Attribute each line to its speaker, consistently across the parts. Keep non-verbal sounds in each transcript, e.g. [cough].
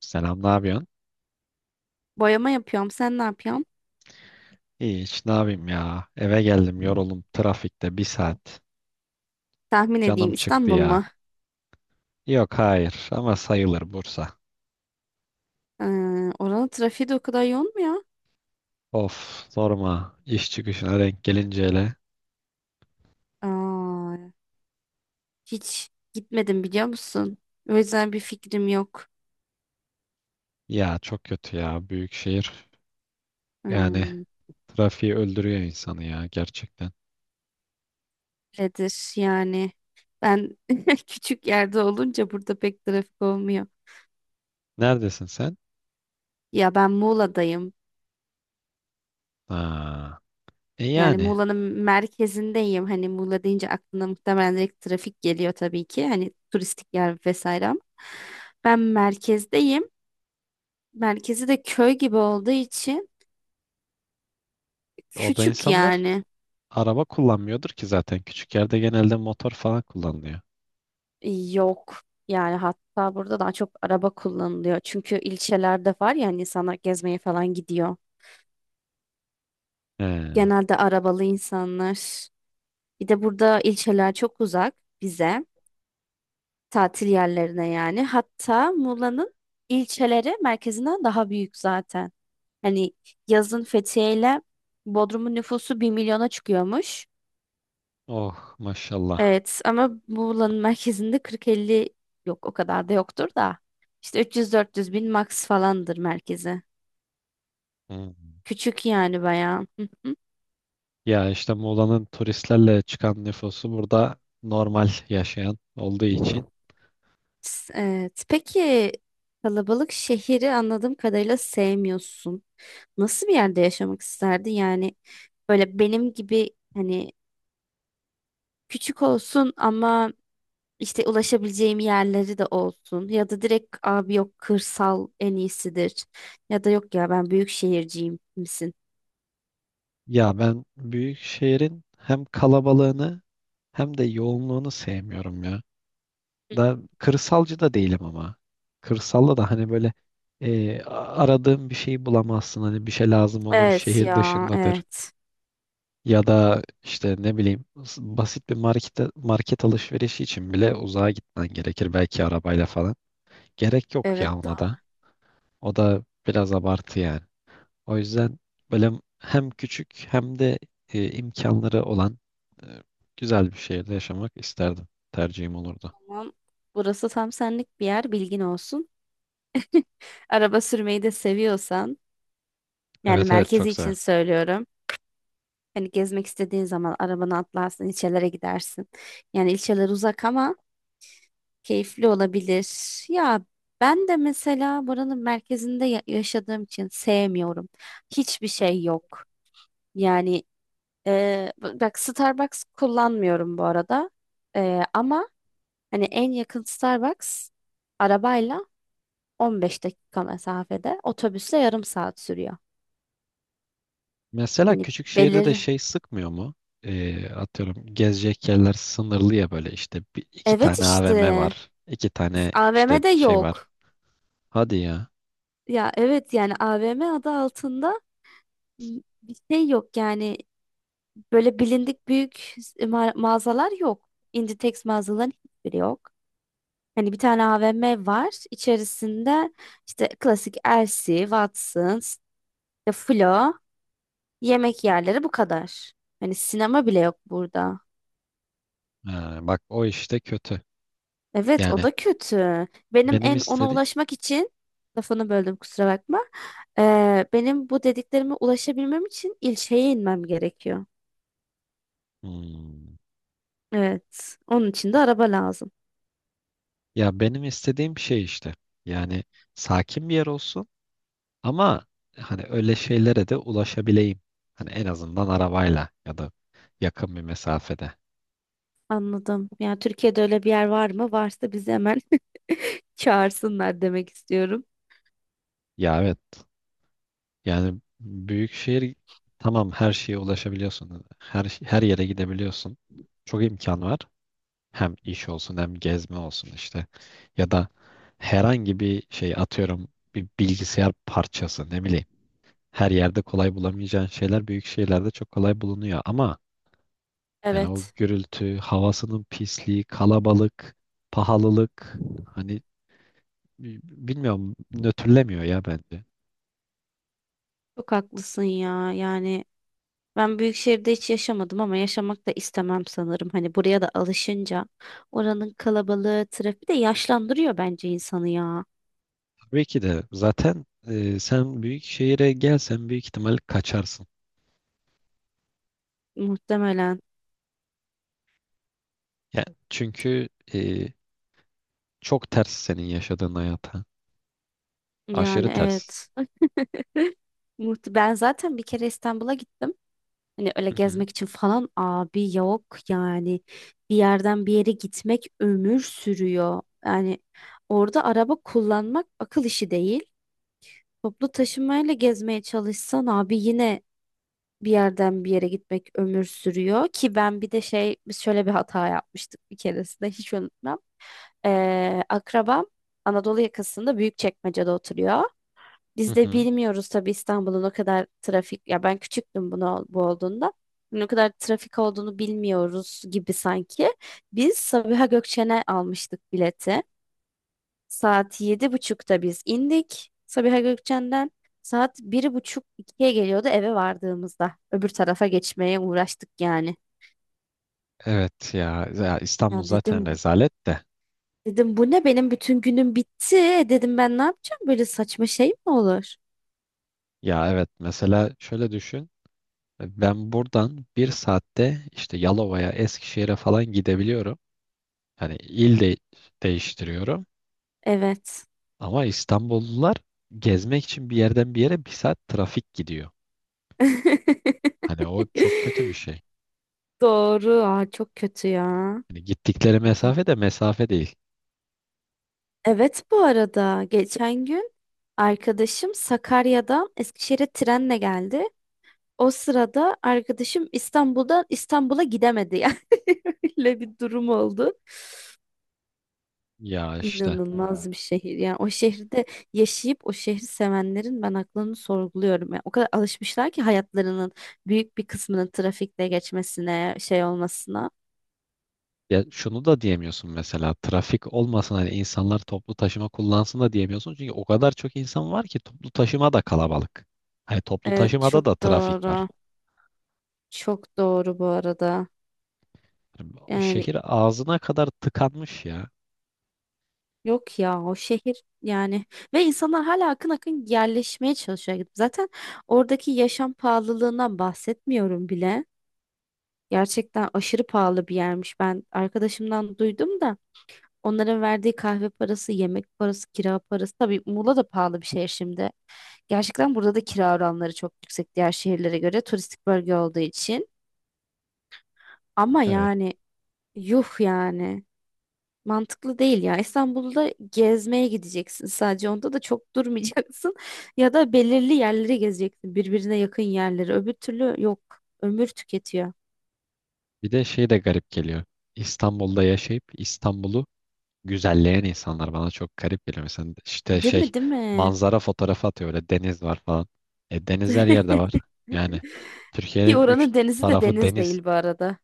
Speaker 1: Selam, ne yapıyorsun?
Speaker 2: Boyama yapıyorum. Sen ne yapıyorsun?
Speaker 1: İyi, hiç ne yapayım ya. Eve geldim yoruldum trafikte bir saat.
Speaker 2: Tahmin
Speaker 1: Canım
Speaker 2: edeyim
Speaker 1: çıktı
Speaker 2: İstanbul mu?
Speaker 1: ya. Yok hayır ama sayılır Bursa.
Speaker 2: Ee, oranın trafiği de o kadar yoğun mu ya?
Speaker 1: Of sorma İş çıkışına denk gelince hele.
Speaker 2: Aa, hiç gitmedim biliyor musun? O yüzden bir fikrim yok.
Speaker 1: Ya çok kötü ya büyük şehir. Yani
Speaker 2: Hmm,
Speaker 1: trafiği öldürüyor insanı ya gerçekten.
Speaker 2: Öyledir yani. Ben [laughs] küçük yerde olunca burada pek trafik olmuyor.
Speaker 1: Neredesin sen?
Speaker 2: Ya ben Muğla'dayım.
Speaker 1: Ha, e
Speaker 2: Yani
Speaker 1: yani
Speaker 2: Muğla'nın merkezindeyim. Hani Muğla deyince aklına muhtemelen direkt trafik geliyor tabii ki. Hani turistik yer vesaire ama. Ben merkezdeyim. Merkezi de köy gibi olduğu için
Speaker 1: orada
Speaker 2: küçük
Speaker 1: insanlar
Speaker 2: yani.
Speaker 1: araba kullanmıyordur ki zaten. Küçük yerde genelde motor falan kullanılıyor.
Speaker 2: Yok. Yani hatta burada daha çok araba kullanılıyor. Çünkü ilçelerde var ya hani insanlar gezmeye falan gidiyor.
Speaker 1: He.
Speaker 2: Genelde arabalı insanlar. Bir de burada ilçeler çok uzak bize. Tatil yerlerine yani. Hatta Muğla'nın ilçeleri merkezinden daha büyük zaten. Hani yazın Fethiye ile Bodrum'un nüfusu bir milyona çıkıyormuş.
Speaker 1: Oh maşallah.
Speaker 2: Evet ama Muğla'nın merkezinde 40-50, yok o kadar da yoktur da. İşte 300-400 bin max falandır merkezi.
Speaker 1: Hmm.
Speaker 2: Küçük yani bayağı. Hı hı.
Speaker 1: Ya işte Muğla'nın turistlerle çıkan nüfusu burada normal yaşayan olduğu için.
Speaker 2: Evet. Peki kalabalık şehri anladığım kadarıyla sevmiyorsun. Nasıl bir yerde yaşamak isterdin? Yani böyle benim gibi hani küçük olsun ama işte ulaşabileceğim yerleri de olsun. Ya da direkt abi yok, kırsal en iyisidir. Ya da yok ya ben büyük şehirciyim misin?
Speaker 1: Ya ben büyük şehrin hem kalabalığını hem de yoğunluğunu sevmiyorum ya. Da kırsalcı da değilim ama. Kırsalda da hani böyle aradığım bir şeyi bulamazsın. Hani bir şey lazım olur
Speaker 2: Evet
Speaker 1: şehir
Speaker 2: ya
Speaker 1: dışındadır.
Speaker 2: evet.
Speaker 1: Ya da işte ne bileyim basit bir market, market alışverişi için bile uzağa gitmen gerekir belki arabayla falan. Gerek yok
Speaker 2: Evet
Speaker 1: ya ona da.
Speaker 2: doğru.
Speaker 1: O da biraz abartı yani. O yüzden böyle hem küçük hem de imkanları olan e, güzel bir şehirde yaşamak isterdim. Tercihim olurdu.
Speaker 2: Tamam. Burası tam senlik bir yer, bilgin olsun. [laughs] Araba sürmeyi de seviyorsan, yani
Speaker 1: Evet evet
Speaker 2: merkezi
Speaker 1: çok
Speaker 2: için
Speaker 1: severim.
Speaker 2: söylüyorum. Hani gezmek istediğin zaman arabanı atlarsın, ilçelere gidersin. Yani ilçeler uzak ama keyifli olabilir. Ya ben de mesela buranın merkezinde yaşadığım için sevmiyorum. Hiçbir şey yok. Yani e, bak, Starbucks kullanmıyorum bu arada. Ama hani en yakın Starbucks arabayla 15 dakika mesafede, otobüsle yarım saat sürüyor.
Speaker 1: Mesela
Speaker 2: Hani
Speaker 1: küçük şehirde de
Speaker 2: belirli.
Speaker 1: şey sıkmıyor mu? E, atıyorum gezecek yerler sınırlı ya böyle işte bir, iki
Speaker 2: Evet
Speaker 1: tane AVM
Speaker 2: işte.
Speaker 1: var. İki tane işte
Speaker 2: AVM'de
Speaker 1: şey var.
Speaker 2: yok.
Speaker 1: Hadi ya.
Speaker 2: Ya evet yani AVM adı altında bir şey yok yani, böyle bilindik büyük mağazalar yok. Inditex mağazaların hiçbiri yok. Hani bir tane AVM var. İçerisinde işte klasik Elsi, Watsons, işte Flo, yemek yerleri, bu kadar. Hani sinema bile yok burada.
Speaker 1: Ha, bak o işte kötü.
Speaker 2: Evet, o
Speaker 1: Yani
Speaker 2: da kötü. Benim
Speaker 1: benim
Speaker 2: en ona
Speaker 1: istediğim...
Speaker 2: ulaşmak için... Lafını böldüm, kusura bakma. Benim bu dediklerime ulaşabilmem için ilçeye inmem gerekiyor.
Speaker 1: Hmm.
Speaker 2: Evet. Onun için de araba lazım.
Speaker 1: Ya benim istediğim şey işte. Yani sakin bir yer olsun ama hani öyle şeylere de ulaşabileyim. Hani en azından arabayla ya da yakın bir mesafede.
Speaker 2: Anladım. Yani Türkiye'de öyle bir yer var mı? Varsa bizi hemen [laughs] çağırsınlar demek istiyorum.
Speaker 1: Ya evet. Yani büyük şehir tamam her şeye ulaşabiliyorsun. Her yere gidebiliyorsun. Çok imkan var. Hem iş olsun hem gezme olsun işte. Ya da herhangi bir şey atıyorum bir bilgisayar parçası ne bileyim. Her yerde kolay bulamayacağın şeyler büyük şehirlerde çok kolay bulunuyor ama yani o
Speaker 2: Evet.
Speaker 1: gürültü, havasının pisliği, kalabalık, pahalılık hani bilmiyorum nötrlemiyor ya bence.
Speaker 2: Çok haklısın ya. Yani ben büyük şehirde hiç yaşamadım ama yaşamak da istemem sanırım. Hani buraya da alışınca oranın kalabalığı, trafiği de yaşlandırıyor bence insanı ya.
Speaker 1: Tabii ki de zaten sen büyük şehire gelsen büyük ihtimal kaçarsın.
Speaker 2: Muhtemelen.
Speaker 1: Ya çünkü çok ters senin yaşadığın hayata.
Speaker 2: Yani
Speaker 1: Aşırı ters.
Speaker 2: evet. [laughs] Ben zaten bir kere İstanbul'a gittim. Hani öyle
Speaker 1: Hı hı.
Speaker 2: gezmek için falan, abi yok yani. Bir yerden bir yere gitmek ömür sürüyor. Yani orada araba kullanmak akıl işi değil. Toplu taşımayla gezmeye çalışsan abi yine bir yerden bir yere gitmek ömür sürüyor ki ben bir de şey, biz şöyle bir hata yapmıştık bir keresinde, hiç unutmam. Akrabam Anadolu yakasında Büyükçekmece'de oturuyor.
Speaker 1: Hı
Speaker 2: Biz de
Speaker 1: hı.
Speaker 2: bilmiyoruz tabii İstanbul'un o kadar trafik, ya ben küçüktüm bunu bu olduğunda. Ne kadar trafik olduğunu bilmiyoruz gibi sanki. Biz Sabiha Gökçen'e almıştık bileti. Saat 7.30'da biz indik Sabiha Gökçen'den. Saat bir buçuk ikiye geliyordu eve vardığımızda. Öbür tarafa geçmeye uğraştık yani.
Speaker 1: Evet ya, ya İstanbul
Speaker 2: Ya
Speaker 1: zaten
Speaker 2: dedim
Speaker 1: rezalet de.
Speaker 2: dedim bu ne, benim bütün günüm bitti. E dedim, ben ne yapacağım, böyle saçma şey mi olur?
Speaker 1: Ya evet mesela şöyle düşün. Ben buradan bir saatte işte Yalova'ya, Eskişehir'e falan gidebiliyorum. Hani il de değiştiriyorum
Speaker 2: Evet.
Speaker 1: ama İstanbullular gezmek için bir yerden bir yere bir saat trafik gidiyor.
Speaker 2: [laughs]
Speaker 1: Hani o çok kötü bir şey.
Speaker 2: Doğru. Çok kötü ya.
Speaker 1: Hani gittikleri
Speaker 2: Bakın.
Speaker 1: mesafe de mesafe değil.
Speaker 2: Evet, bu arada geçen gün arkadaşım Sakarya'dan Eskişehir'e trenle geldi. O sırada arkadaşım İstanbul'dan İstanbul'a gidemedi yani. [laughs] Öyle bir durum oldu.
Speaker 1: Ya işte
Speaker 2: İnanılmaz bir şehir. Yani o şehirde yaşayıp o şehri sevenlerin ben aklını sorguluyorum. Yani o kadar alışmışlar ki hayatlarının büyük bir kısmının trafikte geçmesine, şey olmasına.
Speaker 1: ya şunu da diyemiyorsun mesela trafik olmasın hani insanlar toplu taşıma kullansın da diyemiyorsun. Çünkü o kadar çok insan var ki toplu taşıma da kalabalık. Hani toplu
Speaker 2: Evet,
Speaker 1: taşımada da
Speaker 2: çok
Speaker 1: trafik var.
Speaker 2: doğru. Çok doğru bu arada.
Speaker 1: Yani
Speaker 2: Yani
Speaker 1: şehir ağzına kadar tıkanmış ya.
Speaker 2: yok ya o şehir yani, ve insanlar hala akın akın yerleşmeye çalışıyor. Zaten oradaki yaşam pahalılığından bahsetmiyorum bile. Gerçekten aşırı pahalı bir yermiş. Ben arkadaşımdan duydum da, onların verdiği kahve parası, yemek parası, kira parası. Tabii Muğla da pahalı bir şehir şimdi. Gerçekten burada da kira oranları çok yüksek diğer şehirlere göre, turistik bölge olduğu için. Ama
Speaker 1: Evet.
Speaker 2: yani yuh yani. Mantıklı değil ya. İstanbul'da gezmeye gideceksin sadece. Onda da çok durmayacaksın. [laughs] Ya da belirli yerleri gezeceksin. Birbirine yakın yerleri. Öbür türlü yok. Ömür tüketiyor.
Speaker 1: Bir de şey de garip geliyor. İstanbul'da yaşayıp İstanbul'u güzelleyen insanlar bana çok garip geliyor. Mesela işte
Speaker 2: Değil
Speaker 1: şey
Speaker 2: mi? Değil mi?
Speaker 1: manzara fotoğrafı atıyor öyle deniz var falan. E, deniz her yerde var.
Speaker 2: [laughs]
Speaker 1: Yani
Speaker 2: Ki
Speaker 1: Türkiye'nin üç
Speaker 2: oranın denizi de
Speaker 1: tarafı
Speaker 2: deniz
Speaker 1: deniz.
Speaker 2: değil bu arada.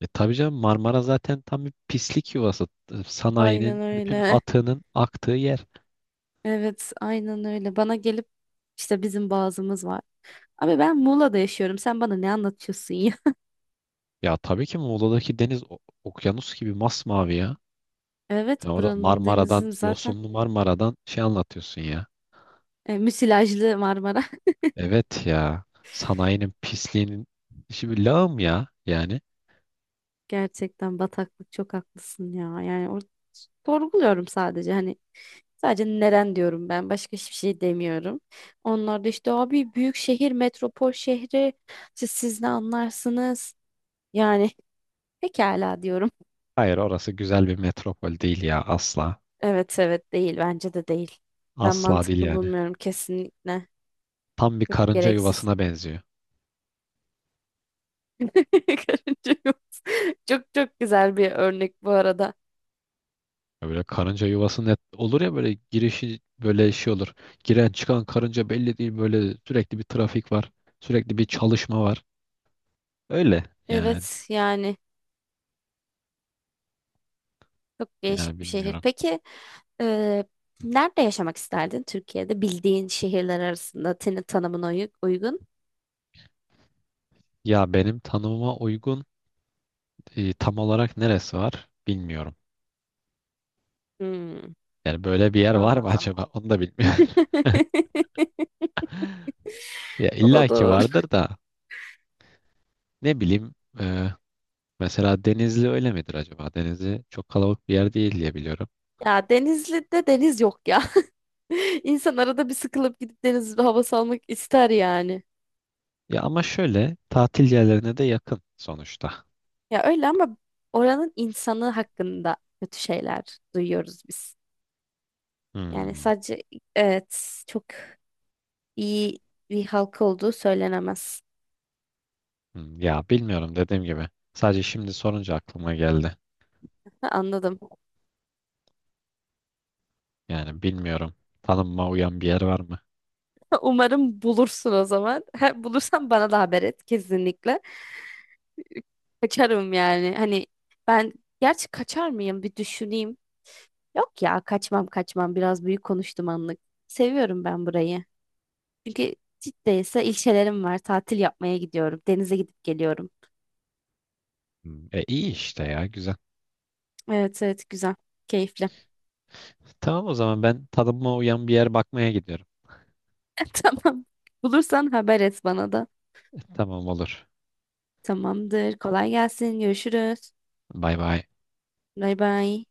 Speaker 1: E tabii canım Marmara zaten tam bir pislik yuvası. E,
Speaker 2: Aynen
Speaker 1: sanayinin bütün
Speaker 2: öyle.
Speaker 1: atığının aktığı yer.
Speaker 2: Evet, aynen öyle. Bana gelip işte, bizim boğazımız var. Abi, ben Muğla'da yaşıyorum. Sen bana ne anlatıyorsun ya? [laughs]
Speaker 1: Ya tabii ki Muğla'daki deniz okyanus gibi masmavi ya. Sen
Speaker 2: Evet,
Speaker 1: orada
Speaker 2: buranın
Speaker 1: Marmara'dan,
Speaker 2: denizin zaten
Speaker 1: yosunlu Marmara'dan şey anlatıyorsun ya.
Speaker 2: müsilajlı Marmara.
Speaker 1: Evet ya. Sanayinin pisliğinin işi bir lağım ya yani.
Speaker 2: Gerçekten bataklık, çok haklısın ya. Yani sorguluyorum sadece, hani sadece neren diyorum, ben başka hiçbir şey demiyorum. Onlar da işte abi, büyük şehir, metropol şehri, işte siz ne anlarsınız? Yani [laughs] pekala diyorum.
Speaker 1: Hayır orası güzel bir metropol değil ya asla.
Speaker 2: Evet evet, değil, bence de değil. Ben
Speaker 1: Asla değil
Speaker 2: mantıklı
Speaker 1: yani.
Speaker 2: bulmuyorum kesinlikle.
Speaker 1: Tam bir
Speaker 2: Çok
Speaker 1: karınca
Speaker 2: gereksiz.
Speaker 1: yuvasına benziyor.
Speaker 2: [laughs] Karınca yok. Çok çok güzel bir örnek bu arada.
Speaker 1: Ya böyle karınca yuvası net olur ya böyle girişi böyle şey olur. Giren çıkan karınca belli değil böyle sürekli bir trafik var. Sürekli bir çalışma var. Öyle yani
Speaker 2: Evet yani. Çok
Speaker 1: yani
Speaker 2: değişik bir şehir.
Speaker 1: bilmiyorum.
Speaker 2: Peki e, nerede yaşamak isterdin Türkiye'de? Bildiğin şehirler arasında senin tanımına uygun.
Speaker 1: Ya benim tanımıma uygun tam olarak neresi var bilmiyorum.
Speaker 2: Hmm.
Speaker 1: Yani böyle bir yer var mı
Speaker 2: Anladım.
Speaker 1: acaba onu da bilmiyorum. [laughs]
Speaker 2: [laughs]
Speaker 1: Ya
Speaker 2: O
Speaker 1: illa
Speaker 2: da
Speaker 1: ki
Speaker 2: doğru.
Speaker 1: vardır da ne bileyim e, mesela Denizli öyle midir acaba? Denizli çok kalabalık bir yer değil diye biliyorum.
Speaker 2: Ya Denizli'de deniz yok ya. [laughs] İnsan arada bir sıkılıp gidip deniz havası almak ister yani.
Speaker 1: Ya ama şöyle tatil yerlerine de yakın sonuçta.
Speaker 2: Ya öyle ama oranın insanı hakkında kötü şeyler duyuyoruz biz. Yani
Speaker 1: Hmm,
Speaker 2: sadece, evet, çok iyi bir halk olduğu söylenemez.
Speaker 1: hmm. Ya bilmiyorum dediğim gibi. Sadece şimdi sorunca aklıma geldi.
Speaker 2: [laughs] Ha, anladım.
Speaker 1: Yani bilmiyorum. Tanınma uyan bir yer var mı?
Speaker 2: Umarım bulursun o zaman. [laughs] Bulursan bana da haber et kesinlikle. Kaçarım yani. Hani ben, gerçi kaçar mıyım bir düşüneyim. Yok ya, kaçmam kaçmam, biraz büyük konuştum anlık. Seviyorum ben burayı. Çünkü Cidde ise ilçelerim var. Tatil yapmaya gidiyorum. Denize gidip geliyorum.
Speaker 1: Hmm, e iyi işte ya güzel.
Speaker 2: Evet evet, güzel. Keyifli.
Speaker 1: Tamam o zaman ben tanınma uyan bir yer bakmaya gidiyorum.
Speaker 2: [laughs] Tamam. Bulursan haber et bana da.
Speaker 1: E, tamam olur.
Speaker 2: Tamamdır. Kolay gelsin. Görüşürüz.
Speaker 1: Bay bay.
Speaker 2: Bay bay.